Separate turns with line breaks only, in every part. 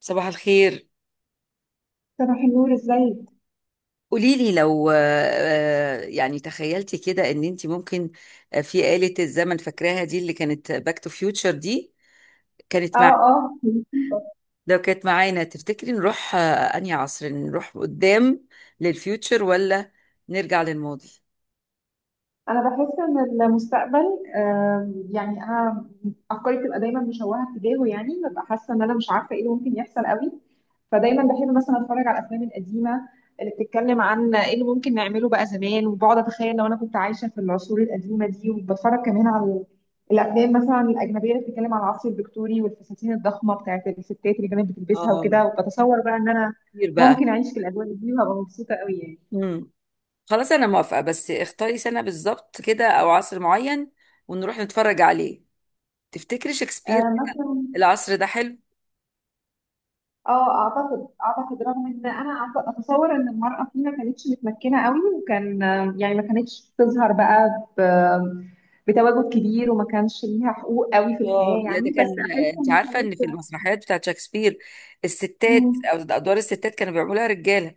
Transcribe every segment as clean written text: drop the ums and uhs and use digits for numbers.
صباح الخير.
صباح النور، ازيك؟
قولي لي لو يعني تخيلتي كده ان انت ممكن، في آلة الزمن فاكراها دي اللي كانت باك تو فيوتشر دي كانت
اه
مع.
اه، مبسوطة.
لو كانت معانا تفتكري نروح انهي عصر؟ نروح قدام للفيوتشر ولا نرجع للماضي؟
انا بحس ان المستقبل، يعني انا افكاري بتبقى دايما مشوهه تجاهه، يعني ببقى حاسه ان انا مش عارفه ايه اللي ممكن يحصل قوي. فدايما بحب مثلا اتفرج على الافلام القديمه اللي بتتكلم عن ايه اللي ممكن نعمله بقى زمان، وبقعد اتخيل لو انا كنت عايشه في العصور القديمه دي، وبتفرج كمان على الافلام مثلا الاجنبيه اللي بتتكلم عن العصر الفيكتوري والفساتين الضخمه بتاعت الستات اللي كانت بتلبسها
اه،
وكده، وبتصور بقى ان انا
كتير بقى.
ممكن اعيش في الاجواء دي وهبقى مبسوطه قوي يعني.
امم خلاص، انا موافقة بس اختاري سنة بالظبط كده او عصر معين ونروح نتفرج عليه. تفتكري شكسبير؟
مثلا.
العصر ده حلو.
اه، اعتقد رغم ان انا اتصور ان المرأة فيه ما كانتش متمكنة قوي، وكان يعني ما كانتش بتظهر بقى بتواجد كبير، وما كانش ليها حقوق قوي في
اه
الحياة
لا، ده
يعني، بس
كان
احس
انت
ان
عارفه ان في
كانت.
المسرحيات بتاعت شكسبير الستات
مم.
او ادوار الستات كانوا بيعملوها رجاله.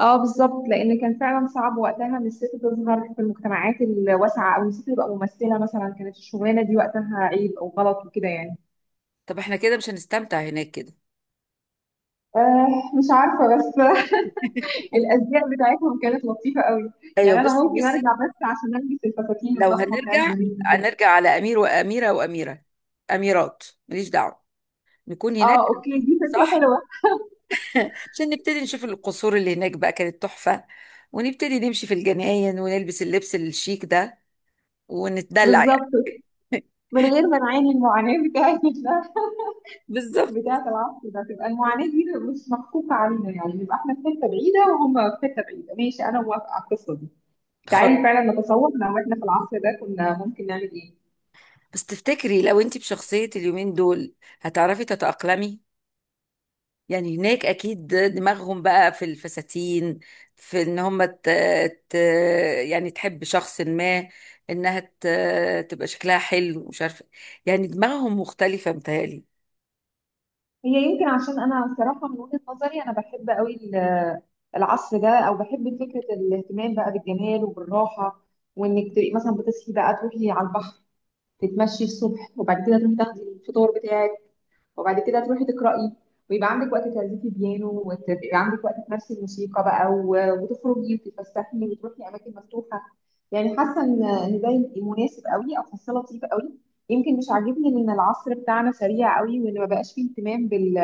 اه بالظبط، لان كان فعلا صعب وقتها ان الست تظهر في المجتمعات الواسعة، او إن الست تبقى ممثلة مثلا. كانت الشغلانة دي وقتها عيب او غلط وكده يعني.
طب احنا كده مش هنستمتع هناك كده.
مش عارفة بس الازياء بتاعتهم كانت لطيفه قوي.
ايوه،
يعني انا
بصي
ممكن
بصي.
ارجع بس عشان البس الفساتين
لو
الضخمه بتاعت
هنرجع
زمان دي.
هنرجع على امير واميره واميره، اميرات ماليش دعوه، نكون
اه
هناك.
اوكي، دي فكره
صح،
حلوه.
عشان نبتدي نشوف القصور اللي هناك بقى كانت تحفه ونبتدي نمشي في الجناين ونلبس اللبس الشيك ده ونتدلع
بالظبط.
يعني.
من غير ما نعاني المعاناه بتاعت
بالظبط.
بتاعت العصر ده، تبقى المعاناه دي مش مكفوفه علينا يعني، نبقى احنا في حته بعيده وهم في حته بعيده. ماشي، انا موافقه على القصه دي.
خلاص،
تعالي فعلا نتصور لو احنا في العصر ده كنا ممكن نعمل ايه.
بس تفتكري لو انت بشخصيه اليومين دول هتعرفي تتاقلمي؟ يعني هناك اكيد دماغهم بقى في الفساتين، في ان هم ت... يعني تحب شخص ما، انها تبقى شكلها حلو، مش عارفه. يعني دماغهم مختلفه متهيألي.
هي يمكن عشان انا الصراحه من وجهه نظري، انا بحب قوي العصر ده، او بحب فكره الاهتمام بقى بالجمال وبالراحه، وانك تبقي مثلا بتصحي بقى تروحي على البحر، تتمشي الصبح، وبعد كده تروحي تاخدي الفطار بتاعك، وبعد كده تروحي تقراي، ويبقى عندك وقت تعزفي بيانو، ويبقى عندك وقت تمارسي الموسيقى بقى، وتخرجي وتتفسحي وتروحي اماكن مفتوحه. يعني حاسه ان ده مناسب قوي، او حاسه لطيف قوي. يمكن مش عاجبني ان العصر بتاعنا سريع قوي، وان ما بقاش فيه اهتمام بال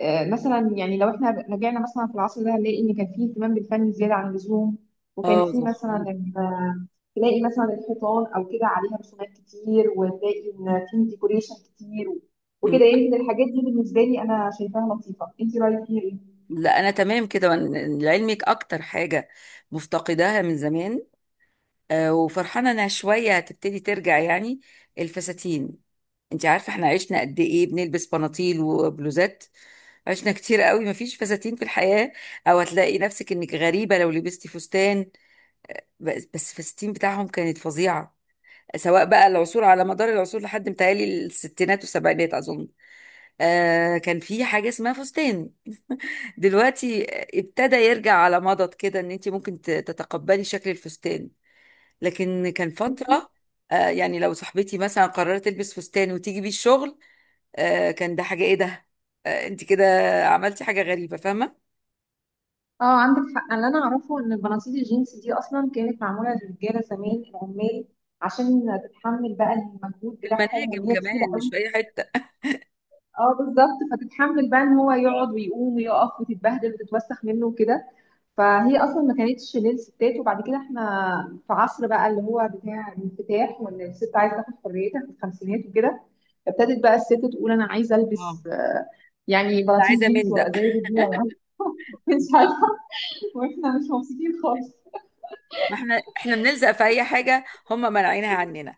آه، مثلا. يعني لو احنا رجعنا مثلا في العصر ده هنلاقي ان كان فيه اهتمام بالفن زياده عن اللزوم، وكان
اه،
فيه
صح.
مثلا تلاقي مثلا الحيطان او كده عليها رسومات كتير، وتلاقي ان فيه ديكوريشن كتير وكده.
مم.
يمكن الحاجات دي بالنسبه لي انا شايفاها لطيفه، انت رايك فيها ايه؟
لا، انا تمام كده لعلمك اكتر حاجه مفتقداها من زمان، وفرحانه انها شويه هتبتدي ترجع يعني الفساتين. انت عارفه احنا عشنا قد ايه بنلبس بناطيل وبلوزات؟ عشنا كتير قوي مفيش فساتين في الحياة، او هتلاقي نفسك انك غريبة لو لبستي فستان. بس بس الفساتين بتاعهم كانت فظيعة، سواء بقى العصور على مدار العصور لحد متهيألي الستينات والسبعينات أظن. آه، كان في حاجة اسمها فستان. دلوقتي ابتدى يرجع على مضض كده، إن أنت ممكن تتقبلي شكل الفستان، لكن كان
بصي،
فترة آه، يعني لو صاحبتي مثلا قررت تلبس فستان وتيجي بيه الشغل، آه كان ده حاجة، إيه ده، آه أنت كده عملتي حاجة غريبة، فاهمة؟
اه عندك حق. اللي انا اعرفه ان البناطيل الجينز دي اصلا كانت معموله للرجاله زمان العمال، عشان تتحمل بقى المجهود
في
بتاعهم،
المناجم
وان هي تقيله.
كمان، مش في اي حته.
اه بالظبط، فتتحمل بقى ان هو يقعد ويقوم ويقف وتتبهدل وتتوسخ منه وكده. فهي اصلا ما كانتش للستات، وبعد كده احنا في عصر بقى اللي هو بتاع الانفتاح، وان الست عايزه تاخد حريتها في الخمسينات وكده. فابتدت بقى الست تقول انا عايزه
اه،
البس، يعني
انا
بناطيل
عايزه
جينز
من ده.
وابقى زي الرجاله يعني. مش عارفه. واحنا مش مبسوطين خالص.
ما احنا بنلزق في اي حاجه، هم منعينها عننا.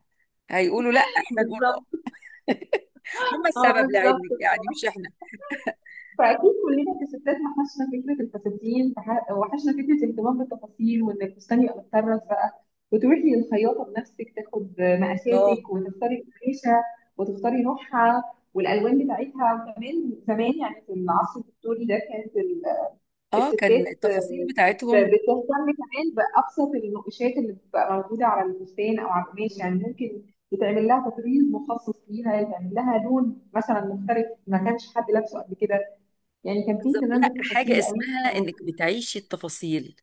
هيقولوا لا احنا نقول
بالظبط.
اه. هم
اه
السبب
بالظبط.
لعلمك، يعني مش احنا.
فاكيد كلنا كستات وحشنا فكره الفساتين، وحشنا فكره الاهتمام بالتفاصيل وان الفستان يبقى متطرز بقى، وتروحي للخياطه بنفسك تاخد
الله.
مقاساتك، وتختاري الريشه، وتختاري نوعها، والالوان بتاعتها. وكمان زمان يعني في العصر الفيكتوري ده كانت
اه، كان
الستات
التفاصيل بتاعتهم.
بتهتم كمان بابسط النقوشات اللي بتبقى موجوده على الفستان او على القماش. يعني
مم.
ممكن يتعمل لها تطريز مخصص ليها، يتعمل لها لون مثلا مختلف ما كانش حد لابسه قبل كده. يعني كان في
بالظبط،
اهتمام
لا حاجه
بالتفاصيل قوي.
اسمها انك بتعيشي التفاصيل،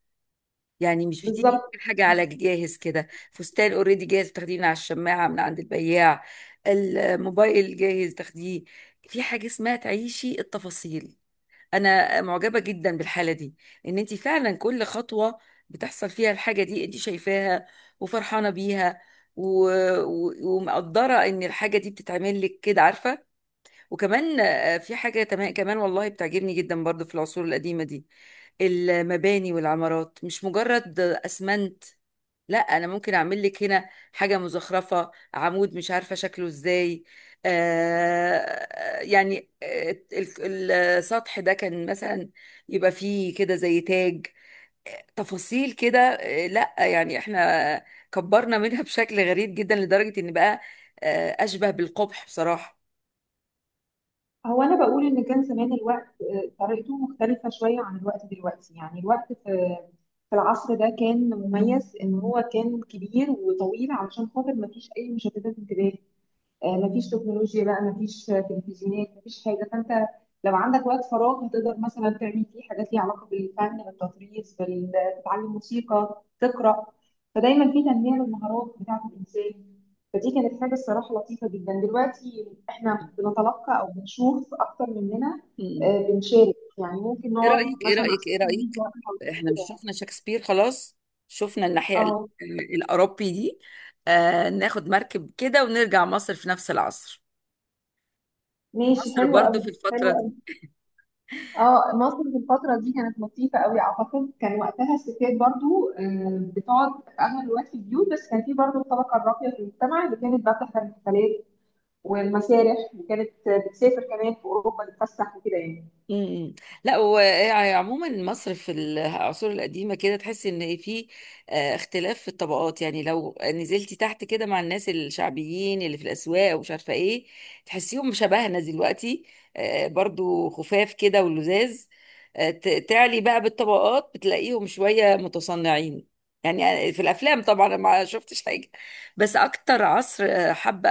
يعني مش بتيجي تجيب
بالظبط.
الحاجه على جاهز كده، فستان اوريدي جاهز تاخديه من على الشماعه من عند البياع، الموبايل جاهز تاخديه. في حاجه اسمها تعيشي التفاصيل. انا معجبه جدا بالحاله دي، ان انت فعلا كل خطوه بتحصل فيها الحاجه دي انت شايفاها وفرحانه بيها و... ومقدره ان الحاجه دي بتتعمل لك كده، عارفه؟ وكمان في حاجه كمان والله بتعجبني جدا برضو في العصور القديمه دي، المباني والعمارات مش مجرد اسمنت. لا، انا ممكن اعمل لك هنا حاجه مزخرفه، عمود مش عارفه شكله ازاي، آه يعني السطح ده كان مثلا يبقى فيه كده زي تاج، تفاصيل كده. آه، لا يعني احنا كبرنا منها بشكل غريب جدا، لدرجه ان بقى اشبه بالقبح بصراحه.
هو انا بقول ان كان زمان الوقت طريقته مختلفه شويه عن الوقت دلوقتي. يعني الوقت في العصر ده كان مميز ان هو كان كبير وطويل، علشان خاطر ما فيش اي مشتتات انتباه. مفيش تكنولوجيا بقى، مفيش تلفزيونات، مفيش حاجة. فأنت لو عندك وقت فراغ هتقدر مثلا تعمل فيه حاجات ليها علاقة بالفن، بالتطريز، تتعلم موسيقى، تقرأ. فدايما في تنمية للمهارات بتاعة الإنسان. فدي كانت حاجة الصراحة لطيفة جدا. دلوقتي إحنا بنتلقى أو بنشوف أكتر مننا، بنشارك يعني، ممكن
ايه
نقعد
رأيك، ايه
مثلا على
رأيك، ايه
السوشيال
رأيك؟
ميديا أو
احنا
كده
مش
يعني.
شفنا شكسبير خلاص؟ شفنا الناحية
اه
الأوروبي دي. آه، ناخد مركب كده ونرجع مصر في نفس العصر،
ماشي،
مصر
حلو
برضو
قوي.
في
حلو
الفترة
قوي.
دي.
اه مصر في الفترة دي كانت لطيفة قوي اعتقد. كان وقتها الستات برضو بتقعد في اغلب الوقت في البيوت، بس كان في برضو الطبقة الراقية في المجتمع اللي كانت بقى بتحضر الحفلات والمسارح، وكانت بتسافر كمان في اوروبا تتفسح وكده يعني.
امم، لا وعموما مصر في العصور القديمه كده تحس ان في آه، اختلاف في الطبقات يعني لو نزلتي تحت كده مع الناس الشعبيين اللي في الاسواق ومش عارفه ايه تحسيهم شبهنا دلوقتي آه، برضو خفاف كده ولذاذ آه، ت- تعلي بقى بالطبقات بتلاقيهم شويه متصنعين يعني آه، في الافلام طبعا أنا ما شفتش حاجه بس اكتر عصر آه، حابه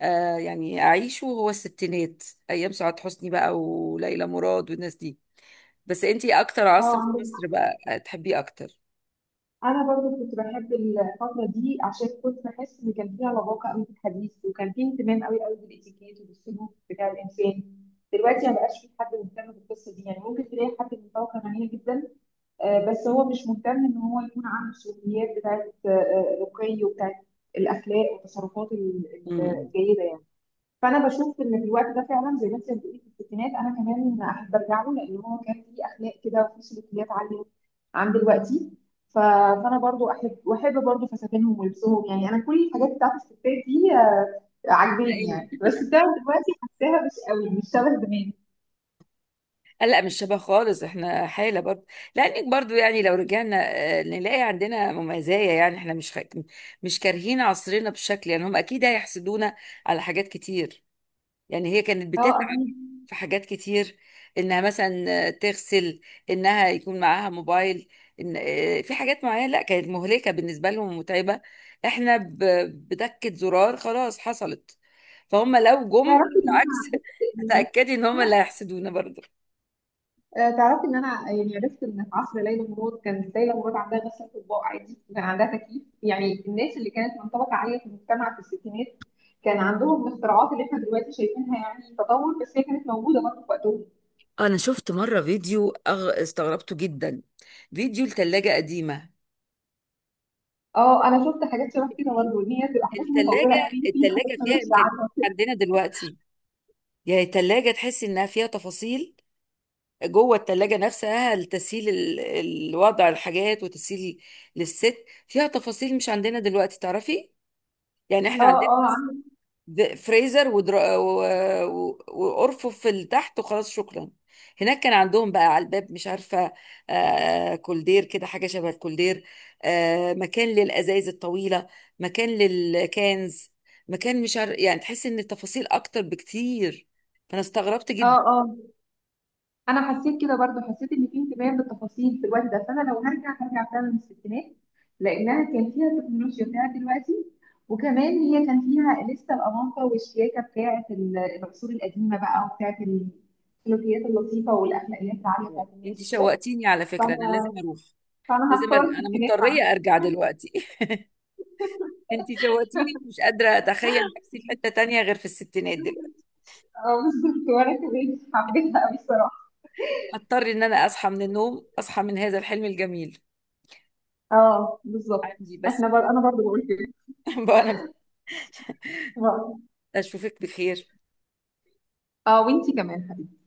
آه يعني اعيشه هو الستينات ايام سعاد حسني بقى وليلى مراد والناس دي بس انتي اكتر عصر في
اه
مصر بقى تحبيه اكتر
انا برضو كنت بحب الفتره دي، عشان كنت بحس ان كان فيها لباقه قوي في الحديث، وكان فيه اهتمام قوي قوي بالاتيكيت وبالسلوك بتاع الانسان. دلوقتي ما بقاش في حد مهتم بالقصه دي يعني. ممكن تلاقي حد من طبقه غنيه جدا، بس هو مش مهتم ان هو يكون عنده السلوكيات بتاعت الرقي، وبتاعت الاخلاق والتصرفات ال-
امم
الجيده يعني. فانا بشوف ان في الوقت ده فعلا زي ما انت بتقولي في الستينات، انا كمان احب ارجع له، لان هو كان فيه اخلاق كده وفيه سلوكيات عاليه عن دلوقتي. فانا برضو احب، واحب برضو فساتينهم ولبسهم. يعني انا كل الحاجات بتاعت الستات دي عاجباني
لان
يعني، بس بتاعت دلوقتي حاساها مش قوي، مش شبه زمان.
لا لا، مش شبه خالص. احنا حاله برضه، لانك برضه يعني لو رجعنا نلاقي عندنا مميزايه، يعني احنا مش مش كارهين عصرنا بشكل، يعني هم اكيد هيحسدونا على حاجات كتير. يعني هي كانت
اه اكيد.
في حاجات كتير، انها مثلا تغسل، انها يكون معاها موبايل، إن في حاجات معينة لا كانت مهلكة بالنسبة لهم ومتعبة. احنا بدكة زرار خلاص حصلت. فهم لو جم
تعرفي ان انا
بالعكس
عرفت
اتأكدي ان هم اللي هيحسدونا برضه.
تعرفي ان انا يعني عرفت ان في عصر ليلى مراد كانت ليلى مراد عندها غسالة اطباق عادي، وكان عندها تكييف. يعني الناس اللي كانت من طبقة عالية في المجتمع في الستينات كان عندهم الاختراعات اللي احنا دلوقتي شايفينها يعني تطور، بس هي كانت موجودة برضه في وقتهم.
انا شفت مرة فيديو استغربته جدا، فيديو لثلاجة قديمة.
اه انا شفت حاجات شبه كده برضه، ان هي بتبقى حاجات متطورة
الثلاجة،
قوي فيها
الثلاجة فيها
تكنولوجيا
امكانيات
عالية.
عندنا دلوقتي، يعني الثلاجة تحس انها فيها تفاصيل جوه التلاجة نفسها لتسهيل الوضع الحاجات وتسهيل للست، فيها تفاصيل مش عندنا دلوقتي تعرفي؟ يعني
اه
احنا عندنا
اه، عندك.
فريزر وارفف اللي تحت وخلاص شكرا. هناك كان عندهم بقى على الباب مش عارفة آه كولدير كده، حاجة شبه الكولدير. آه، مكان للأزايز الطويلة، مكان للكانز، مكان مش عارف. يعني تحس ان التفاصيل اكتر بكتير، فانا استغربت
اه
جدا.
اه، انا حسيت كده برضو، حسيت ان في انتباه للتفاصيل في الوقت ده. فانا لو هرجع هرجع فعلا للستينات، لانها كان فيها التكنولوجيا بتاعت دلوقتي، وكمان هي كان فيها لسه الاناقه والشياكه بتاعت العصور القديمه بقى، وبتاعت السلوكيات اللطيفه والاخلاقيات العاليه بتاعت
انت
الناس وكده.
شوقتيني على فكرة، انا
فانا
لازم اروح،
فانا
لازم
هختار
ارجع، انا
الستينات
مضطريه
معاك.
ارجع دلوقتي. انت شوقتيني، مش قادره اتخيل نفسي في حته تانية غير في الستينات دلوقتي.
اه بالظبط، وانا كمان حبيتها قوي الصراحه.
هضطر ان انا اصحى من النوم، اصحى من هذا الحلم الجميل.
اه بالظبط.
عندي بس فول.
انا برضو بقول كده.
بقى انا
اه
اشوفك بخير.
وانتي كمان حبيبتي.